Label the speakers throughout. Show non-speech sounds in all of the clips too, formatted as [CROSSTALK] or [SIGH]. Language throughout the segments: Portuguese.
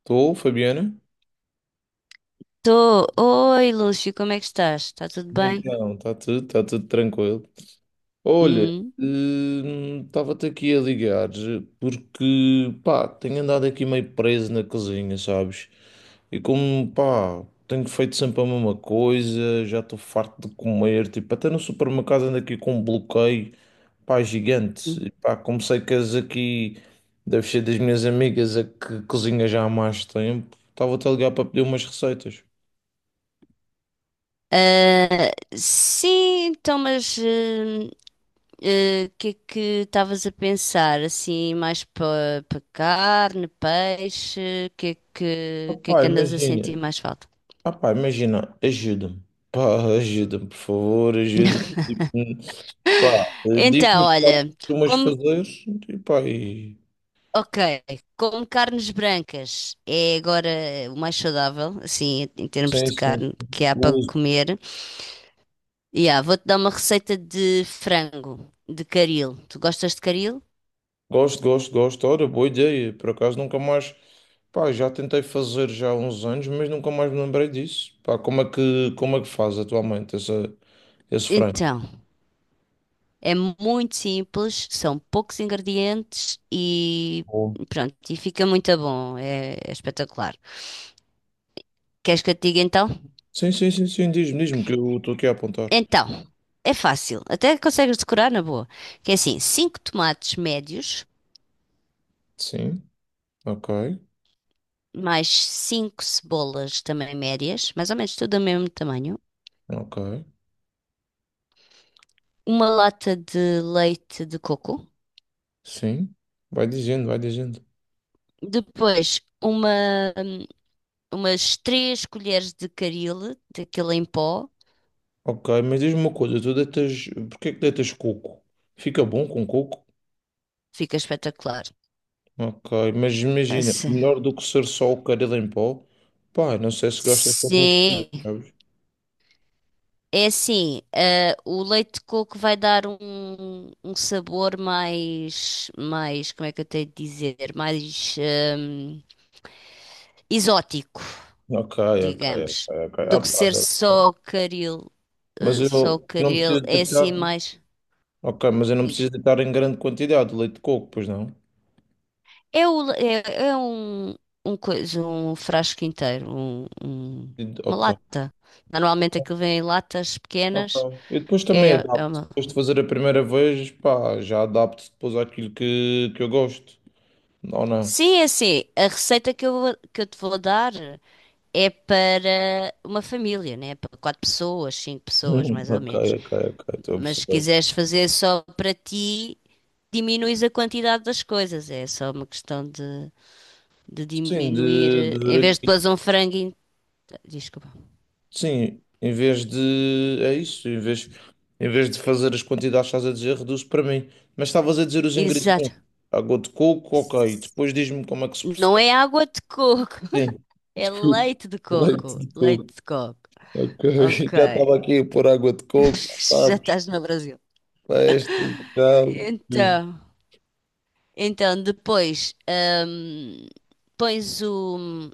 Speaker 1: Estou, Fabiana?
Speaker 2: Tô. Oi, Lúcio, como é que estás? Está tudo
Speaker 1: E
Speaker 2: bem?
Speaker 1: Então, está tudo tranquilo. Olha,
Speaker 2: Hum.
Speaker 1: estava-te aqui a ligar porque, pá, tenho andado aqui meio preso na cozinha, sabes? E como, pá, tenho feito sempre a mesma coisa, já estou farto de comer, tipo, até no supermercado ando aqui com um bloqueio, pá, gigante.
Speaker 2: Hum.
Speaker 1: E, pá, como sei que és aqui, deve ser das minhas amigas a que cozinha já há mais tempo, estava-te a ligar para pedir umas receitas.
Speaker 2: Ah, sim, então, mas o que é que estavas a pensar? Assim, mais para carne, peixe, o que é
Speaker 1: Ah,
Speaker 2: que, o que é
Speaker 1: pá,
Speaker 2: que andas a sentir
Speaker 1: imagina.
Speaker 2: mais falta?
Speaker 1: Ah, pá, imagina, ajuda-me. Pá, ajuda-me, por favor, ajuda-me.
Speaker 2: [LAUGHS]
Speaker 1: Pá, diz-me
Speaker 2: Então,
Speaker 1: os pratos que
Speaker 2: olha,
Speaker 1: costumas
Speaker 2: como,
Speaker 1: fazer. E, pá, e...
Speaker 2: ok, como carnes brancas é agora o mais saudável, assim, em termos
Speaker 1: Sim,
Speaker 2: de
Speaker 1: sim.
Speaker 2: carne que há para
Speaker 1: Gosto,
Speaker 2: comer. Yeah, vou-te dar uma receita de frango, de caril. Tu gostas de caril?
Speaker 1: gosto, gosto. Gosto. Ora, boa ideia. Por acaso nunca mais. Pá, já tentei fazer já há uns anos, mas nunca mais me lembrei disso. Pá, como é que faz atualmente essa, esse frango?
Speaker 2: Então, é muito simples, são poucos ingredientes e
Speaker 1: Bom.
Speaker 2: pronto, e fica muito bom, é espetacular. Queres que eu te diga então?
Speaker 1: Sim, sim, sim, sim. Diz-me, diz-me que eu estou aqui a apontar.
Speaker 2: Então, é fácil, até consegues decorar na boa. Que é assim, 5 tomates médios,
Speaker 1: Sim, ok,
Speaker 2: mais 5 cebolas também médias, mais ou menos tudo do mesmo tamanho,
Speaker 1: ok.
Speaker 2: uma lata de leite de coco,
Speaker 1: Sim, vai dizendo, vai dizendo.
Speaker 2: depois umas três colheres de caril, daquele em pó,
Speaker 1: Ok, mas diz-me uma coisa, tu deitas, porque é que deitas coco? Fica bom com coco?
Speaker 2: fica espetacular.
Speaker 1: Ok, mas imagina,
Speaker 2: Assim.
Speaker 1: melhor do que ser só o caril em pó? Pá, não sei se gostas de mistura,
Speaker 2: Sim,
Speaker 1: sabes?
Speaker 2: é assim, o leite de coco vai dar um sabor mais, como é que eu tenho de dizer, mais exótico,
Speaker 1: Ok, ok, ok,
Speaker 2: digamos,
Speaker 1: ok.
Speaker 2: do
Speaker 1: Ah,
Speaker 2: que ser
Speaker 1: pá,
Speaker 2: só caril,
Speaker 1: mas eu não preciso
Speaker 2: é
Speaker 1: deitar,
Speaker 2: assim mais...
Speaker 1: ok, mas eu não preciso deitar em grande quantidade de leite de coco, pois não?
Speaker 2: É, o- é- é um, coisa, um frasco inteiro, um- um- uma
Speaker 1: Ok,
Speaker 2: lata. Normalmente aquilo vem em latas pequenas.
Speaker 1: ok. Eu depois também
Speaker 2: É
Speaker 1: adapto,
Speaker 2: uma...
Speaker 1: depois de fazer a primeira vez, pá, já adapto depois àquilo que eu gosto, ou não?
Speaker 2: Sim, é assim. A receita que eu te vou dar é para uma família, né? Para quatro pessoas, cinco pessoas,
Speaker 1: [LAUGHS]
Speaker 2: mais ou
Speaker 1: Ok,
Speaker 2: menos.
Speaker 1: ok, ok, estou a
Speaker 2: Mas se
Speaker 1: perceber.
Speaker 2: quiseres fazer só para ti, diminuis a quantidade das coisas. É só uma questão de
Speaker 1: Sim,
Speaker 2: diminuir.
Speaker 1: de ver
Speaker 2: Em vez de
Speaker 1: aqui.
Speaker 2: pôr um frango. Desculpa.
Speaker 1: Sim, em vez de. É isso, em vez de fazer as quantidades que estás a dizer, reduz para mim. Mas estavas a dizer os
Speaker 2: Exato.
Speaker 1: ingredientes. Água de coco, ok. Depois diz-me como é que se
Speaker 2: Não é
Speaker 1: processa.
Speaker 2: água de coco,
Speaker 1: Sim,
Speaker 2: [LAUGHS] é
Speaker 1: desculpa.
Speaker 2: leite de
Speaker 1: Leite
Speaker 2: coco.
Speaker 1: de coco,
Speaker 2: Leite de coco.
Speaker 1: ok. [LAUGHS]
Speaker 2: Ok.
Speaker 1: Já estava aqui a pôr água de coco, já
Speaker 2: [LAUGHS] Já
Speaker 1: sabes,
Speaker 2: estás no Brasil.
Speaker 1: festas e tal. Diz-me.
Speaker 2: Então, então, depois hum, pões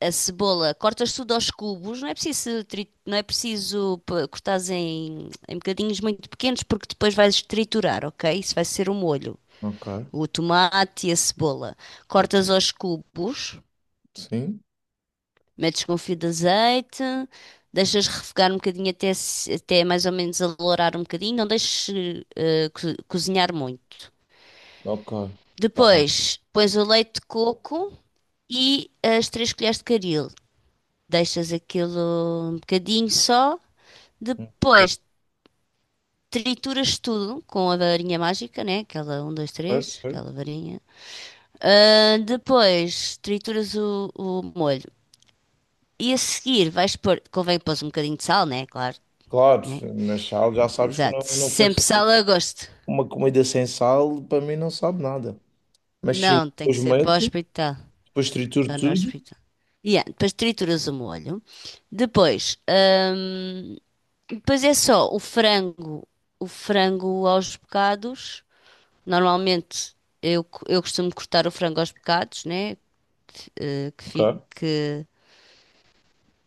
Speaker 2: a cebola, cortas tudo aos cubos, não é preciso, cortares em bocadinhos muito pequenos porque depois vais triturar, ok? Isso vai ser o molho.
Speaker 1: Ok,
Speaker 2: O tomate e a cebola.
Speaker 1: ok.
Speaker 2: Cortas aos cubos.
Speaker 1: Sim,
Speaker 2: Metes com o fio de azeite, deixas refogar um bocadinho até, se- até mais ou menos alourar um bocadinho, não deixes cozinhar muito.
Speaker 1: ok. Está bem.
Speaker 2: Depois pões o leite de coco e as três colheres de caril. Deixas aquilo um bocadinho só.
Speaker 1: Ok,
Speaker 2: Depois trituras tudo com a varinha mágica, né? Aquela um 2
Speaker 1: certo,
Speaker 2: três,
Speaker 1: certo.
Speaker 2: aquela varinha. Ah, depois trituras o molho. E a seguir vais pôr, convém pôr um bocadinho de sal, né? Claro.
Speaker 1: Claro,
Speaker 2: Né?
Speaker 1: mas já sabes que eu
Speaker 2: Exato.
Speaker 1: não faço
Speaker 2: Sempre sala a gosto.
Speaker 1: uma comida sem sal, para mim, não sabe nada. Mas sim,
Speaker 2: Não, tem que
Speaker 1: depois
Speaker 2: ser para o
Speaker 1: meto,
Speaker 2: hospital.
Speaker 1: depois trituro
Speaker 2: Só no
Speaker 1: tudo.
Speaker 2: hospital. E depois trituras o molho. Depois, hum, depois, é só o frango aos bocados. Normalmente eu costumo cortar o frango aos bocados, né? Que
Speaker 1: Ok.
Speaker 2: fique,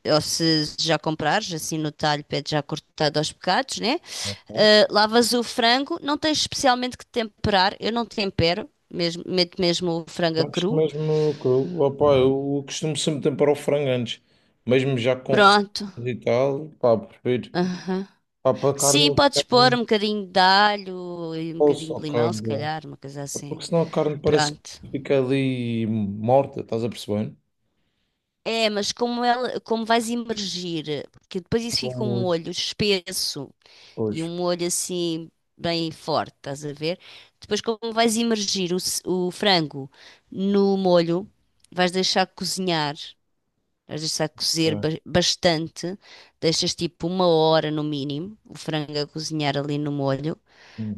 Speaker 2: ou se já comprares, assim no talho, pede já cortado aos bocados, né?
Speaker 1: Ok.
Speaker 2: Lavas o frango, não tens especialmente que temperar. Eu não tempero, mesmo, meto mesmo o frango a
Speaker 1: Mas
Speaker 2: cru.
Speaker 1: mesmo cru. Opa, eu costumo sempre temperar o frango antes. Mesmo já com receitas
Speaker 2: Pronto.
Speaker 1: e tal, pá, prefiro.
Speaker 2: Aham.
Speaker 1: Pá, para a carne
Speaker 2: Sim,
Speaker 1: não
Speaker 2: podes
Speaker 1: ficar
Speaker 2: pôr um bocadinho de alho e um
Speaker 1: posso,
Speaker 2: bocadinho de
Speaker 1: ok.
Speaker 2: limão, se
Speaker 1: Bom.
Speaker 2: calhar, uma coisa
Speaker 1: É
Speaker 2: assim.
Speaker 1: porque senão a carne parece que
Speaker 2: Pronto.
Speaker 1: fica ali morta, estás a perceber?
Speaker 2: É, mas como vais imergir, porque depois isso
Speaker 1: Bom,
Speaker 2: fica um
Speaker 1: muito,
Speaker 2: molho espesso e
Speaker 1: pois.
Speaker 2: um molho assim bem forte, estás a ver? Depois como vais imergir o frango no molho, vais deixar cozinhar. Mas deixa cozer
Speaker 1: Ok.
Speaker 2: bastante, deixas tipo 1 hora no mínimo o frango a cozinhar ali no molho,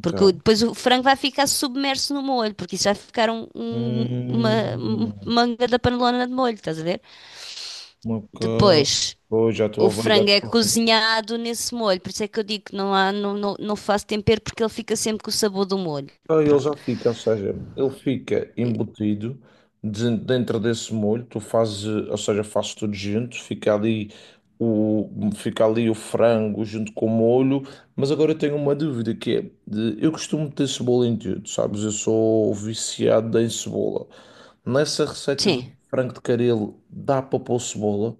Speaker 2: porque depois o frango vai ficar submerso no molho, porque isso vai ficar um, um- uma um-
Speaker 1: Hum,
Speaker 2: manga da panelona de molho, estás a ver?
Speaker 1: ok.
Speaker 2: Depois
Speaker 1: Pois, já
Speaker 2: o
Speaker 1: estou a ver, já
Speaker 2: frango é
Speaker 1: estou.
Speaker 2: cozinhado nesse molho, por isso é que eu digo que não há, não faço tempero porque ele fica sempre com o sabor do molho.
Speaker 1: Então, ele
Speaker 2: Pronto.
Speaker 1: já fica, ou seja, ele fica embutido dentro desse molho, tu fazes, ou seja, fazes tudo junto, o, fica ali o frango junto com o molho, mas agora eu tenho uma dúvida que é, eu costumo ter cebola em tudo, sabes? Eu sou viciado em cebola. Nessa receita do
Speaker 2: Sim.
Speaker 1: frango de caril dá para pôr cebola?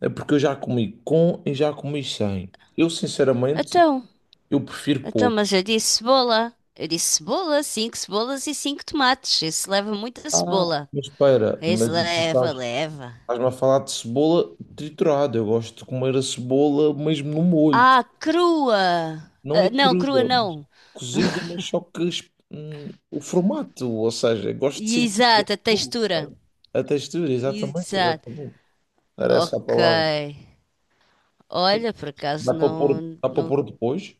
Speaker 1: É porque eu já comi com e já comi sem. Eu, sinceramente,
Speaker 2: Então,
Speaker 1: eu prefiro
Speaker 2: então,
Speaker 1: pôr.
Speaker 2: mas eu disse cebola. Eu disse cebola, cinco cebolas e cinco tomates. Isso leva muita
Speaker 1: Ah,
Speaker 2: cebola.
Speaker 1: mas espera,
Speaker 2: Isso
Speaker 1: mas tu
Speaker 2: leva,
Speaker 1: estás
Speaker 2: leva.
Speaker 1: Estás-me a falar de cebola triturada. Eu gosto de comer a cebola mesmo no molho.
Speaker 2: Ah, crua!
Speaker 1: Não é
Speaker 2: Ah, não, crua
Speaker 1: crua, mas
Speaker 2: não.
Speaker 1: cozida, mas só que o formato, ou seja, eu gosto de sentir a
Speaker 2: Exato, a
Speaker 1: cebola,
Speaker 2: textura.
Speaker 1: sabe? A textura, exatamente,
Speaker 2: Exato.
Speaker 1: exatamente. Era essa a
Speaker 2: Ok.
Speaker 1: palavra. Que-
Speaker 2: Olha, por acaso
Speaker 1: Dá para pôr depois?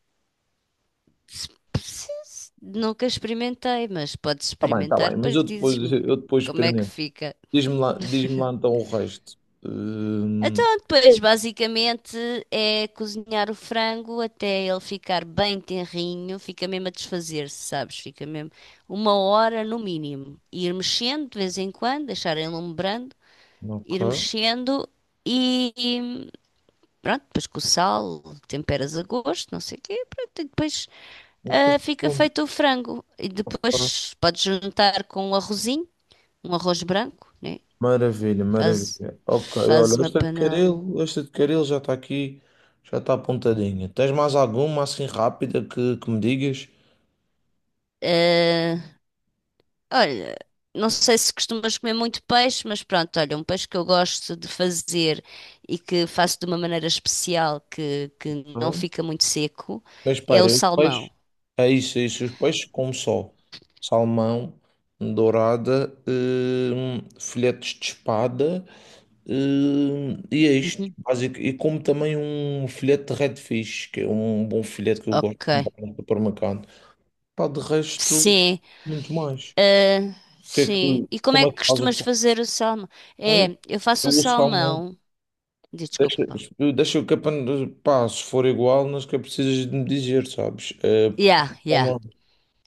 Speaker 2: nunca experimentei, mas podes
Speaker 1: Está
Speaker 2: experimentar,
Speaker 1: bem, mas
Speaker 2: depois dizes-me
Speaker 1: eu depois
Speaker 2: como é que
Speaker 1: experimento.
Speaker 2: fica.
Speaker 1: Diz-me lá então o resto. Hum,
Speaker 2: Então, depois, basicamente, é cozinhar o frango até ele ficar bem tenrinho, fica mesmo a desfazer-se, sabes? Fica mesmo 1 hora no mínimo. Ir mexendo de vez em quando, deixar ele enlumbrando, ir
Speaker 1: ok.
Speaker 2: mexendo e pronto, depois com o sal, temperas a gosto, não sei o quê, pronto, e depois fica feito o frango. E depois podes juntar com um arrozinho, um arroz branco, né?
Speaker 1: Maravilha,
Speaker 2: Faz,
Speaker 1: maravilha. Ok,
Speaker 2: faz
Speaker 1: olha,
Speaker 2: uma
Speaker 1: esta de
Speaker 2: panela.
Speaker 1: caril, esta de caril já está aqui, já está apontadinha. Tens mais alguma assim rápida que me digas?
Speaker 2: ah, Olha, não sei se costumas comer muito peixe, mas pronto, olha, um peixe que eu gosto de fazer e que faço de uma maneira especial que não
Speaker 1: Ok.
Speaker 2: fica muito seco
Speaker 1: Mas
Speaker 2: é o
Speaker 1: espera, os peixes,
Speaker 2: salmão.
Speaker 1: é isso, é isso. Os peixes como só salmão, dourada, filetes de espada, e é isto,
Speaker 2: Uhum.
Speaker 1: básico. E como também um filete de redfish, que é um bom filete que eu gosto
Speaker 2: Ok.
Speaker 1: de comprar no supermercado. Pá, de resto,
Speaker 2: Sim,
Speaker 1: muito mais.
Speaker 2: ah, sim. E como
Speaker 1: Como
Speaker 2: é
Speaker 1: é
Speaker 2: que
Speaker 1: que faz o
Speaker 2: costumas fazer o salmão?
Speaker 1: formateio?
Speaker 2: É, eu faço o
Speaker 1: Eu o salmão.
Speaker 2: salmão. Desculpa.
Speaker 1: Deixa, deixa o capa, pá, se for igual, não sequer precisas de me dizer, sabes? Porque
Speaker 2: Yeah, yeah.
Speaker 1: salmão,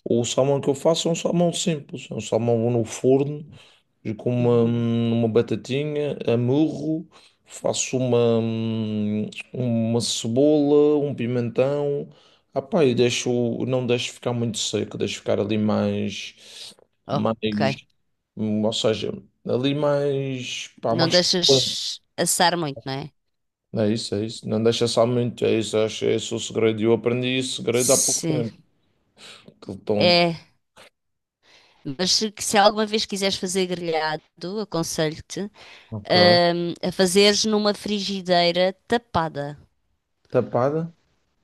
Speaker 1: o salmão que eu faço é um salmão simples, é um salmão no forno. E com
Speaker 2: Uhum.
Speaker 1: uma batatinha, amurro, faço uma cebola, um pimentão. Ah pá, e deixo, não deixo ficar muito seco, deixo ficar ali mais,
Speaker 2: Ok.
Speaker 1: mais, ou seja, ali mais, pá,
Speaker 2: Não
Speaker 1: mais suculento.
Speaker 2: deixas assar muito, não é?
Speaker 1: É isso, é isso. Não deixa só muito, é isso, acho, é esse o segredo. Eu aprendi esse segredo há pouco
Speaker 2: Sim.
Speaker 1: tempo. Aquele tom.
Speaker 2: É. Mas se alguma vez quiseres fazer grelhado, aconselho-te,
Speaker 1: Ok.
Speaker 2: a fazeres numa frigideira tapada.
Speaker 1: Tapada?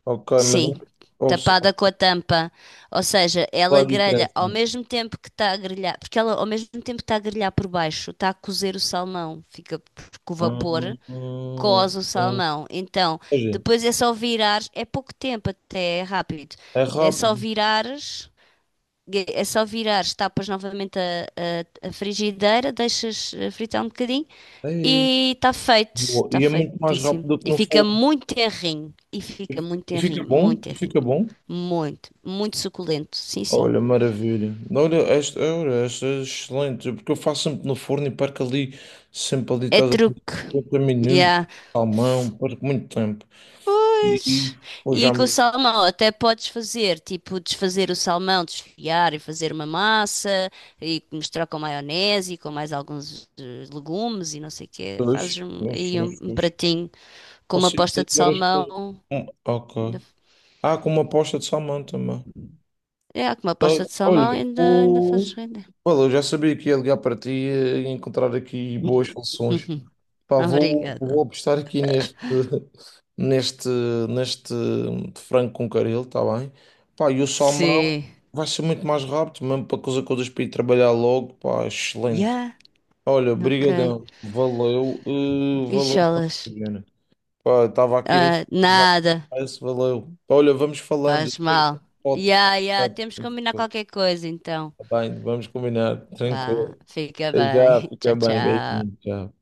Speaker 1: Ok, mas
Speaker 2: Sim,
Speaker 1: é-
Speaker 2: tapada com a tampa. Ou seja, ela
Speaker 1: qual é a
Speaker 2: grelha
Speaker 1: diferença?
Speaker 2: ao mesmo tempo que está a grelhar, porque ela ao mesmo tempo que está a grelhar por baixo, está a cozer o salmão, fica com o
Speaker 1: Hum,
Speaker 2: vapor,
Speaker 1: hum,
Speaker 2: coze o
Speaker 1: hum.
Speaker 2: salmão. Então,
Speaker 1: Ou seja,
Speaker 2: depois é só virar, é pouco tempo até, é rápido.
Speaker 1: é
Speaker 2: É só
Speaker 1: rápido.
Speaker 2: virares que É só virares, tapas novamente a frigideira, deixas fritar um bocadinho
Speaker 1: Ei,
Speaker 2: e está feito.
Speaker 1: boa.
Speaker 2: Está
Speaker 1: E é muito mais
Speaker 2: feitíssimo.
Speaker 1: rápido que
Speaker 2: E
Speaker 1: no
Speaker 2: fica
Speaker 1: fogo.
Speaker 2: muito terrinho. E fica muito
Speaker 1: E fica
Speaker 2: terrinho, muito
Speaker 1: bom, e
Speaker 2: terrinho.
Speaker 1: fica bom.
Speaker 2: Muito, muito suculento. Sim, sim.
Speaker 1: Olha, maravilha. Olha, esta é excelente, porque eu faço sempre no forno e perco ali, sempre ali,
Speaker 2: É
Speaker 1: estás a ver,
Speaker 2: truque.
Speaker 1: 50 minutos,
Speaker 2: Yeah.
Speaker 1: salmão, perco muito tempo. E,
Speaker 2: Pois.
Speaker 1: pô,
Speaker 2: E
Speaker 1: já
Speaker 2: com o
Speaker 1: me.
Speaker 2: salmão, até podes fazer, tipo, desfazer o salmão, desfiar e fazer uma massa e misturar com maionese e com mais alguns legumes e não sei o quê.
Speaker 1: Dois,
Speaker 2: Fazes um-
Speaker 1: dois,
Speaker 2: aí um,
Speaker 1: dois,
Speaker 2: um
Speaker 1: dois.
Speaker 2: pratinho com uma
Speaker 1: Posso ir
Speaker 2: posta
Speaker 1: fazer
Speaker 2: de
Speaker 1: várias coisas.
Speaker 2: salmão. Ainda,
Speaker 1: Ok. Ah, com uma posta de salmão também.
Speaker 2: com uma
Speaker 1: Sei.
Speaker 2: posta de salmão
Speaker 1: Olha,
Speaker 2: ainda fazes
Speaker 1: o...
Speaker 2: render.
Speaker 1: Olha, eu já sabia que ia ligar para ti e encontrar aqui boas soluções.
Speaker 2: [LAUGHS]
Speaker 1: Pá, vou, vou
Speaker 2: Obrigada.
Speaker 1: apostar aqui neste, [LAUGHS] neste, neste frango com caril, está bem? Pá, e o salmão
Speaker 2: Sim.
Speaker 1: vai ser muito mais rápido, mesmo para coisas para ir trabalhar logo, pá, excelente.
Speaker 2: Yeah.
Speaker 1: Olha,
Speaker 2: Ok.
Speaker 1: brigadão, valeu, valeu.
Speaker 2: Bicholas.
Speaker 1: Juliana. Pá, estava aqui,
Speaker 2: Ah,
Speaker 1: já,
Speaker 2: nada.
Speaker 1: parece, valeu. Olha, vamos falando,
Speaker 2: Faz
Speaker 1: depois,
Speaker 2: mal. Yeah, yeah. Temos que combinar
Speaker 1: pode.
Speaker 2: qualquer coisa, então.
Speaker 1: Tá bem, vamos combinar.
Speaker 2: Vá,
Speaker 1: Tranquilo.
Speaker 2: fica
Speaker 1: Até já,
Speaker 2: bem. [LAUGHS]
Speaker 1: fica
Speaker 2: Tchau,
Speaker 1: bem. Beijinho.
Speaker 2: tchau.
Speaker 1: Tchau.